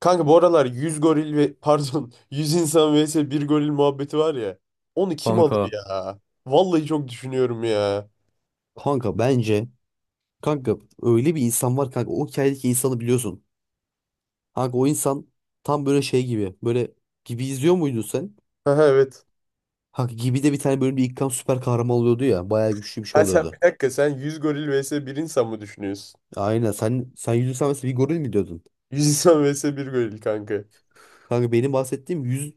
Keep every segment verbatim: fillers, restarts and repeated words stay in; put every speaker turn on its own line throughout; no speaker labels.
Kanka bu aralar yüz goril ve pardon yüz insan vs bir goril muhabbeti var ya. Onu kim alır
Kanka
ya? Vallahi çok düşünüyorum ya.
Kanka bence kanka öyle bir insan var kanka o hikayedeki insanı biliyorsun. Kanka o insan tam böyle şey gibi böyle gibi izliyor muydun sen?
Ha evet.
Kanka gibi de bir tane bölümde ilk kan süper kahraman oluyordu ya bayağı güçlü bir şey
Ha sen
oluyordu.
bir dakika, sen yüz goril vs bir insan mı düşünüyorsun?
Aynen sen sen yüzü sen mesela bir goril mi diyordun?
Yüz insan vs bir goril kanka.
Kanka benim bahsettiğim yüz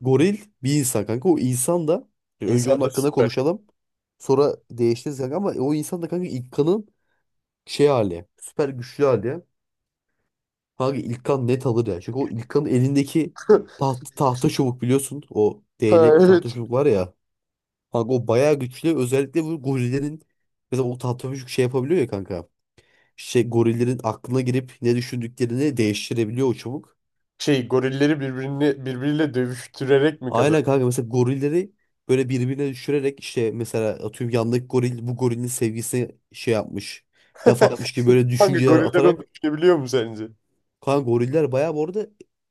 goril bir insan kanka o insan da önce onun
İnsanlar
hakkında
süper.
konuşalım sonra değiştiririz kanka ama o insan da kanka ilk kanın şey hali süper güçlü hali. Kanka İlkan net alır ya. Çünkü o İlkan'ın elindeki taht, tahta çubuk biliyorsun. O
Ha
değnekli tahta
evet.
çubuk var ya. Kanka o bayağı güçlü. Özellikle bu gorillerin mesela o tahta çubuk şey yapabiliyor ya kanka. Şey gorillerin aklına girip ne düşündüklerini değiştirebiliyor o çubuk.
Şey, gorilleri birbirini birbiriyle dövüştürerek mi kazan?
Aynen kanka mesela gorilleri böyle birbirine düşürerek işte mesela atıyorum yandaki goril bu gorilin sevgisine şey yapmış. Laf atmış gibi böyle
Kanka
düşünceler
goriller
atarak
onu düşünebiliyor mu sence?
Kan goriller bayağı bu arada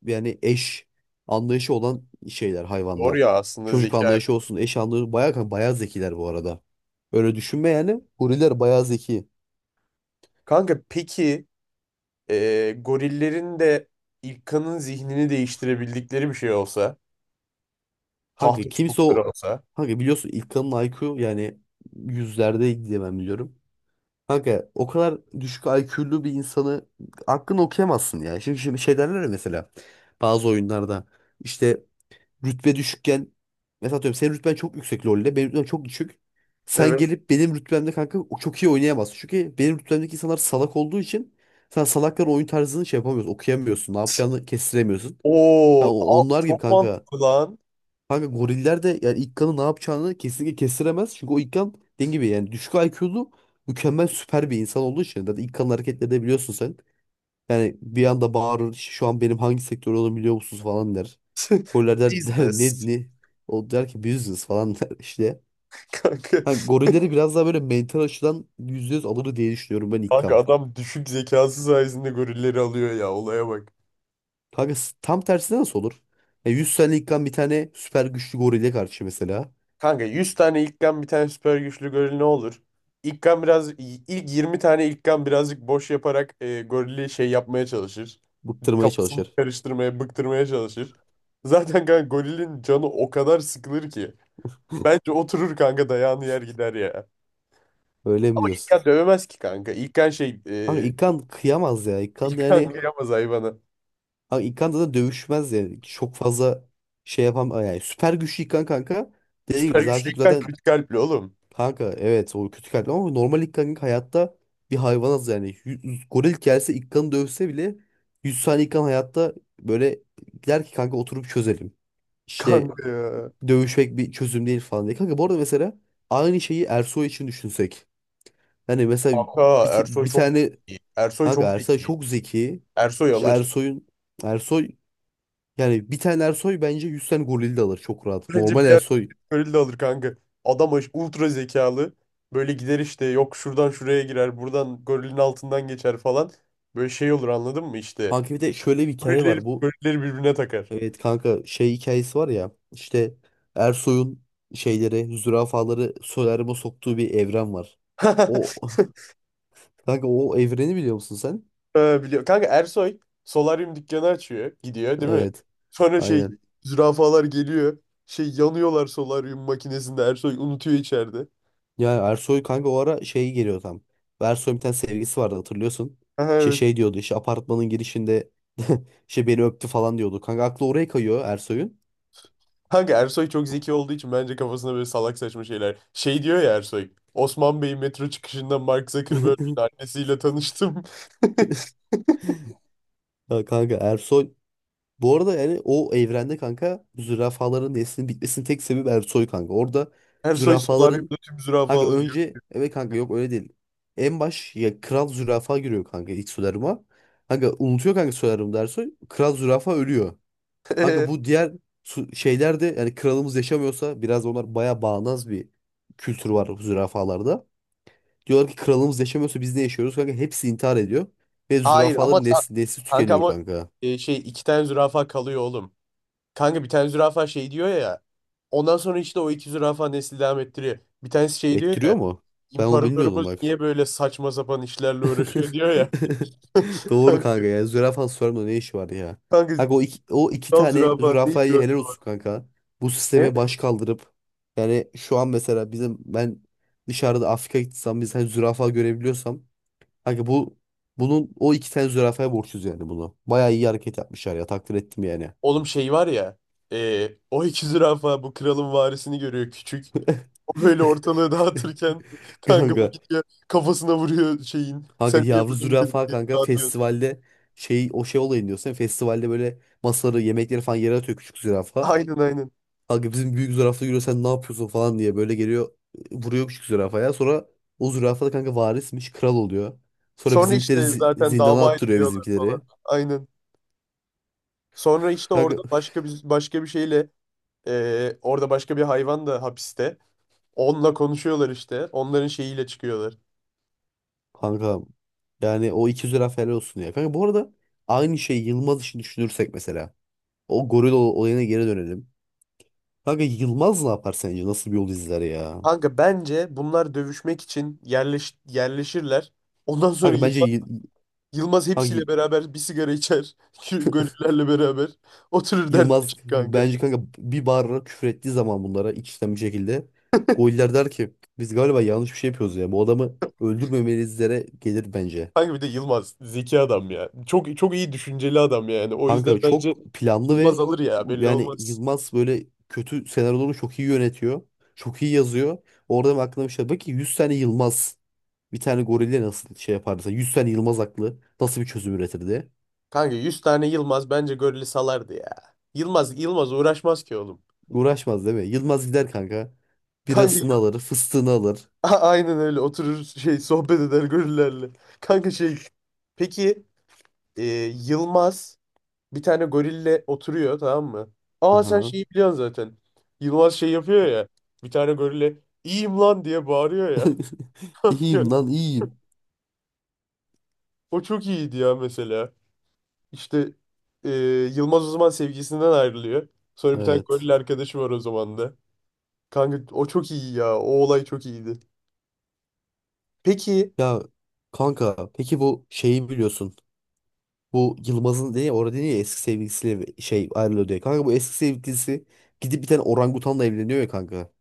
yani eş anlayışı olan şeyler
Doğru
hayvanlar.
ya, aslında
Çocuk
zeka.
anlayışı olsun, eş anlayışı bayağı kan- bayağı zekiler bu arada. Öyle düşünme yani. Goriller bayağı zeki.
Kanka peki, e, gorillerin de İlkan'ın zihnini değiştirebildikleri bir şey olsa,
Kanka
tahta
kimse
çubukları
o
olsa.
kanka biliyorsun ilk İlkan'ın I Q yani yüzlerde diye ben biliyorum. Kanka o kadar düşük I Q'lu bir insanı aklını okuyamazsın ya. Şimdi, şimdi şey derler ya mesela bazı oyunlarda işte rütbe düşükken mesela atıyorum senin rütben çok yüksek LoL'de benim rütbem çok düşük. Sen
Evet.
gelip benim rütbemde kanka o çok iyi oynayamazsın. Çünkü benim rütbemdeki insanlar salak olduğu için sen salakların oyun tarzını şey yapamıyorsun, okuyamıyorsun, ne yapacağını kestiremiyorsun. Ha,
Oo,
o-
a-
onlar gibi
çok
kanka.
mantıklı lan.
Kanka goriller de yani İkkan'ın ne yapacağını kesinlikle kestiremez. Çünkü o İkkan dediğim gibi yani düşük I Q'lu mükemmel süper bir insan olduğu için. Zaten İkkan'ın hareketlerini de biliyorsun sen. Yani bir anda bağırır "İşte şu an benim hangi sektör olduğumu biliyor musunuz falan der. Goriller der, der ne
Business.
ne? O der ki business falan der işte.
Kanka,
Ha, gorilleri biraz daha böyle mental açıdan yüzde yüz alır diye düşünüyorum ben
kanka
İlkan.
adam düşük zekası sayesinde gorilleri alıyor ya. Olaya bak.
Kanka s- tam tersine nasıl olur? Ya yüz tane İlkan bir tane süper güçlü gorille karşı mesela
Kanka yüz tane ilkan bir tane süper güçlü goril ne olur? İlkan biraz, ilk yirmi tane ilkan birazcık boş yaparak e, gorili şey yapmaya çalışır.
bıktırmaya
Kafasını
çalışır.
karıştırmaya, bıktırmaya çalışır. Zaten kanka gorilin canı o kadar sıkılır ki. Bence oturur kanka, dayağını yer gider ya.
Öyle mi
Ama
diyorsun?
İlkan dövemez ki kanka. İlkan şey,
Kanka
e,
İlkan kıyamaz ya. İlkan
İlkan
yani
kıyamaz hayvana.
kanka İlkan da dövüşmez yani. Çok fazla şey yapam yani süper güçlü İlkan kanka. Dediğim gibi
Süper güçlü
zaten,
İlkan
zaten
kötü kalpli oğlum.
Kanka evet o kötü kalpli ama normal ilk hayatta bir hayvanız yani. Yüz- goril gelse ilk kanı dövse bile yüz saniye ilk hayatta böyle der ki kanka oturup çözelim. İşte
Kanka ya.
dövüşmek bir çözüm değil falan diye. Kanka bu arada mesela aynı şeyi Ersoy için düşünsek. Hani mesela
Kanka
bir, t-
Ersoy
bir
çok
tane
iyi. Ersoy çok
kanka Ersoy
zeki.
çok zeki.
Ersoy
İşte
alır.
Ersoy'un Ersoy yani bir tane Ersoy bence yüz tane goril de alır çok rahat.
Bence
Normal
bir,
Ersoy.
öyle de olur kanka. Adam aş- ultra zekalı. Böyle gider işte, yok şuradan şuraya girer. Buradan gorilin altından geçer falan. Böyle şey olur, anladın mı işte.
Kanka bir de şöyle bir hikaye
Gorilleri,
var bu.
gorilleri birbirine takar.
Evet kanka şey hikayesi var ya işte Ersoy'un şeyleri zürafaları solaryuma soktuğu bir evren var. O kanka o evreni biliyor musun sen?
Ee, biliyor. Kanka Ersoy solaryum dükkanı açıyor. Gidiyor değil mi?
Evet
Sonra şey,
aynen.
zürafalar geliyor. Şey, yanıyorlar solaryum makinesinde. Ersoy unutuyor içeride.
Yani Ersoy kanka o ara şey geliyor tam. Ersoy'un bir tane sevgisi vardı hatırlıyorsun. İşte
Evet.
şey diyordu işte apartmanın girişinde işte beni öptü falan diyordu. Kanka aklı oraya kayıyor Ersoy'un.
Kanka Ersoy çok zeki olduğu için bence kafasında böyle salak saçma şeyler. Şey diyor ya Ersoy. Osman Bey'in metro çıkışında Mark Zuckerberg'in annesiyle tanıştım.
Ya Kanka Ersoy bu arada yani o evrende kanka zürafaların neslinin bitmesinin tek sebebi Ersoy kanka. Orada
Ersoy
zürafaların
solaryumda tüm zürafa
Kanka
alıyor.
önce evet kanka yok öyle değil. En baş ya kral zürafa giriyor kanka ilk solaryuma. Kanka unutuyor kanka solaryum dersi. Kral zürafa ölüyor. Kanka bu diğer su- şeyler de yani kralımız yaşamıyorsa biraz onlar baya bağnaz bir kültür var zürafalarda. Diyorlar ki kralımız yaşamıyorsa biz ne yaşıyoruz? Kanka hepsi intihar ediyor. Ve
Hayır ama
zürafaların
ta-
nesli, nesli
kanka
tükeniyor
ama
kanka.
e, şey, iki tane zürafa kalıyor oğlum. Kanka bir tane zürafa şey diyor ya. Ondan sonra işte o iki zürafa nesli devam ettiriyor. Bir tanesi şey diyor
Ettiriyor
ya.
mu? Ben onu bilmiyordum
İmparatorumuz
bak.
niye böyle saçma sapan işlerle uğraşıyor diyor ya.
Doğru kanka ya. Zürafa sorma ne işi var ya.
Kanka
Kanka o iki, o iki
kral
tane
zürafa ne
zürafayı
yapıyor
helal
falan.
olsun kanka. Bu sisteme baş kaldırıp yani şu an mesela bizim ben dışarıda Afrika gitsem biz hani zürafa görebiliyorsam kanka bu bunun o iki tane zürafaya borçluyuz yani bunu. Bayağı iyi hareket yapmışlar ya takdir ettim yani.
Oğlum şey var ya. E, o iki zürafa bu kralın varisini görüyor küçük. O böyle ortalığı dağıtırken kanka bu
Kanka.
gidiyor kafasına vuruyor şeyin.
Kanka
Sen niye
yavru
burada
zürafa
milletleri
kanka
dağıtıyorsun?
festivalde şey o şey olayını diyorsun. Festivalde böyle masaları yemekleri falan yere atıyor küçük zürafa.
Aynen, aynen.
Kanka bizim büyük zürafa yürüyor sen ne yapıyorsun falan diye böyle geliyor vuruyor küçük zürafaya. Sonra o zürafa da kanka varismiş kral oluyor. Sonra
Sonra
bizimkileri
işte
zi-
zaten
zindana
dava
attırıyor
ediliyorlar falan.
bizimkileri.
Aynen. Sonra işte orada
Kanka,
başka bir başka bir şeyle, e, orada başka bir hayvan da hapiste. Onunla konuşuyorlar işte. Onların şeyiyle çıkıyorlar.
kanka yani o iki zürafa helal olsun ya. Kanka bu arada aynı şey Yılmaz için düşünürsek mesela. O goril ol- olayına geri dönelim. Kanka Yılmaz ne yapar sence? Nasıl bir yol izler ya?
Kanka bence bunlar dövüşmek için yerleş, yerleşirler. Ondan sonra
Kanka bence
Yılmaz,
Yıl-
Yılmaz
kanka
hepsiyle beraber bir sigara içer. Şu gönüllerle beraber. Oturur
Yılmaz
dertleşir kanka.
bence kanka bir bağırarak küfür ettiği zaman bunlara iç içten bir şekilde goller der ki biz galiba yanlış bir şey yapıyoruz ya. Bu adamı öldürmemelizlere gelir bence.
Kanka bir de Yılmaz zeki adam ya. Çok çok iyi düşünceli adam yani. O yüzden
Kanka
bence
çok planlı
Yılmaz
ve
alır ya, belli
yani
olmaz.
Yılmaz böyle kötü senaryoları çok iyi yönetiyor. Çok iyi yazıyor. Orada benim aklıma bir şey bak ki yüz tane Yılmaz bir tane gorille nasıl şey yapardı? Mesela yüz tane Yılmaz aklı nasıl bir çözüm üretirdi?
Kanka yüz tane Yılmaz bence gölü salardı ya. Yılmaz Yılmaz uğraşmaz ki oğlum.
Uğraşmaz değil mi? Yılmaz gider kanka. Birasını
Kanka
alır, fıstığını alır.
a- aynen, öyle oturur şey, sohbet eder gönüllerle. Kanka şey, peki, e, Yılmaz bir tane gorille oturuyor tamam mı? Aa sen
Aha.
şeyi biliyorsun zaten. Yılmaz şey yapıyor ya. Bir tane gorille "iyiyim lan" diye bağırıyor ya.
İyiyim lan iyiyim.
O çok iyiydi ya mesela. İşte, e, Yılmaz o zaman sevgisinden ayrılıyor. Sonra bir tane goril
Evet.
arkadaşı var o zaman da. Kanka o çok iyi ya. O olay çok iyiydi. Peki.
Ya kanka peki bu şeyi biliyorsun. Bu Yılmaz'ın diye orada diye ya, eski sevgilisiyle bir şey ayrılıyor diye. Kanka bu eski sevgilisi gidip bir tane orangutanla evleniyor ya kanka.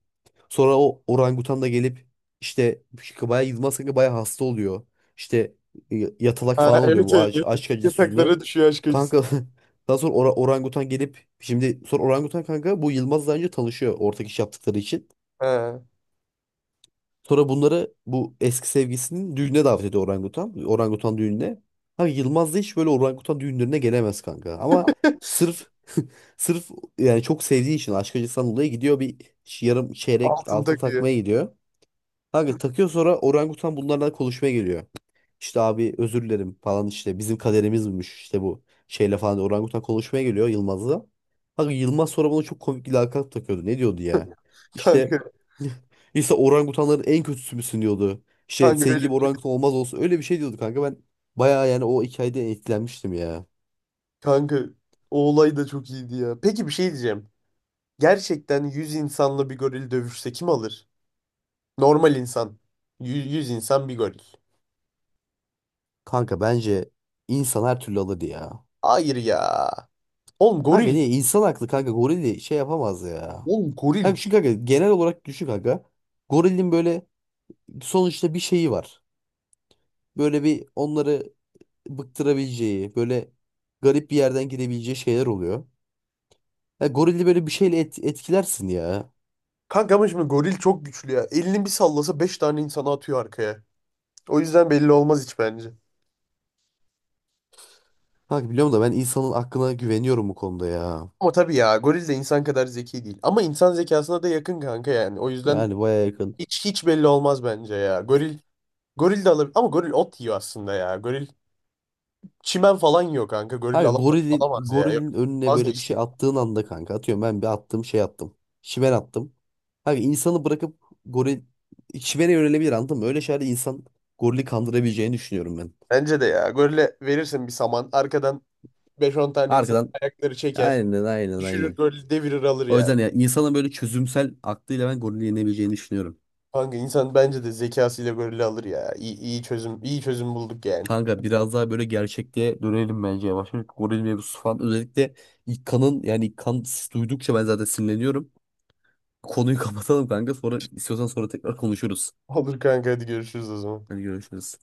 Sonra o orangutan da gelip işte bayağı Yılmaz kanka bayağı hasta oluyor. İşte y- yatalak falan
Ha,
oluyor
evet
bu
evet,
aşk,
evet.
aşk acısı yüzünden.
Yataklara düşüyor aşk acısı.
Kanka daha sonra ora- orangutan gelip şimdi sonra orangutan kanka bu Yılmaz'la önce tanışıyor ortak iş yaptıkları için.
Ha.
Sonra bunları bu eski sevgisinin düğününe davet ediyor orangutan. Orangutan düğününe. Ha Yılmaz da hiç böyle orangutan düğünlerine gelemez kanka. Ama sırf sırf yani çok sevdiği için aşk acısından dolayı gidiyor bir yarım çeyrek
Altın
altın
takıyor.
takmaya gidiyor. Kanka takıyor sonra orangutan bunlarla konuşmaya geliyor. İşte abi özür dilerim falan işte bizim kaderimizmiş işte bu şeyle falan diye orangutan konuşmaya geliyor Yılmaz'la. Kanka Yılmaz sonra bana çok komik bir lakap takıyordu. Ne diyordu ya?
Kanka,
İşte işte orangutanların en kötüsü müsün diyordu. İşte
kanka
senin
öyle
gibi
bir- şey.
orangutan olmaz olsun öyle bir şey diyordu kanka ben bayağı yani o hikayeden etkilenmiştim ya.
Kanka o olay da çok iyiydi ya. Peki, bir şey diyeceğim. Gerçekten yüz insanla bir goril dövüşse kim alır? Normal insan. Yüz, 100 insan bir goril.
Kanka bence insan her türlü alır ya.
Hayır ya. Oğlum
Kanka
goril.
niye insan haklı kanka goril şey yapamaz ya.
Oğlum
Hem
goril.
çünkü kanka genel olarak düşük kanka. Gorilin böyle sonuçta bir şeyi var. Böyle bir onları bıktırabileceği, böyle garip bir yerden gidebileceği şeyler oluyor. Ya gorili böyle bir şeyle et- etkilersin ya.
Kanka ama şimdi goril çok güçlü ya. Elini bir sallasa beş tane insanı atıyor arkaya. O yüzden belli olmaz hiç bence.
Kanka biliyorum da ben insanın aklına güveniyorum bu konuda ya.
Ama tabii ya, goril de insan kadar zeki değil. Ama insan zekasına da yakın kanka yani. O yüzden
Yani baya yakın.
hiç hiç belli olmaz bence ya. Goril goril de alır ama goril ot yiyor aslında ya. Goril çimen falan yiyor kanka. Goril
Kanka
alamaz,
gorilin,
alamaz ya. Yok,
gorilin önüne böyle bir
vazgeçtim.
şey attığın anda kanka atıyorum ben bir attım şey attım. Şiven attım. Kanka insanı bırakıp goril şivene yönelebilir anladın mı? Öyle şeylerde insan gorili kandırabileceğini düşünüyorum ben.
Bence de ya. Golle verirsin bir saman. Arkadan beş on tane insan
Arkadan
ayakları çeker.
Aynen aynen
Düşürür
aynen.
golü devirir alır
O
ya.
yüzden ya insanın böyle çözümsel aklıyla ben gorili yenebileceğini düşünüyorum.
Kanka insan bence de zekasıyla golü alır ya. İyi, iyi çözüm, iyi çözüm bulduk yani.
Kanka biraz daha böyle gerçekliğe dönelim bence yavaş. Yavaş. Goril mevzusu falan özellikle ilk kanın yani ilk kan duydukça ben zaten sinirleniyorum. Konuyu kapatalım kanka sonra istiyorsan sonra tekrar konuşuruz.
Olur kanka, hadi görüşürüz o zaman.
Hadi görüşürüz.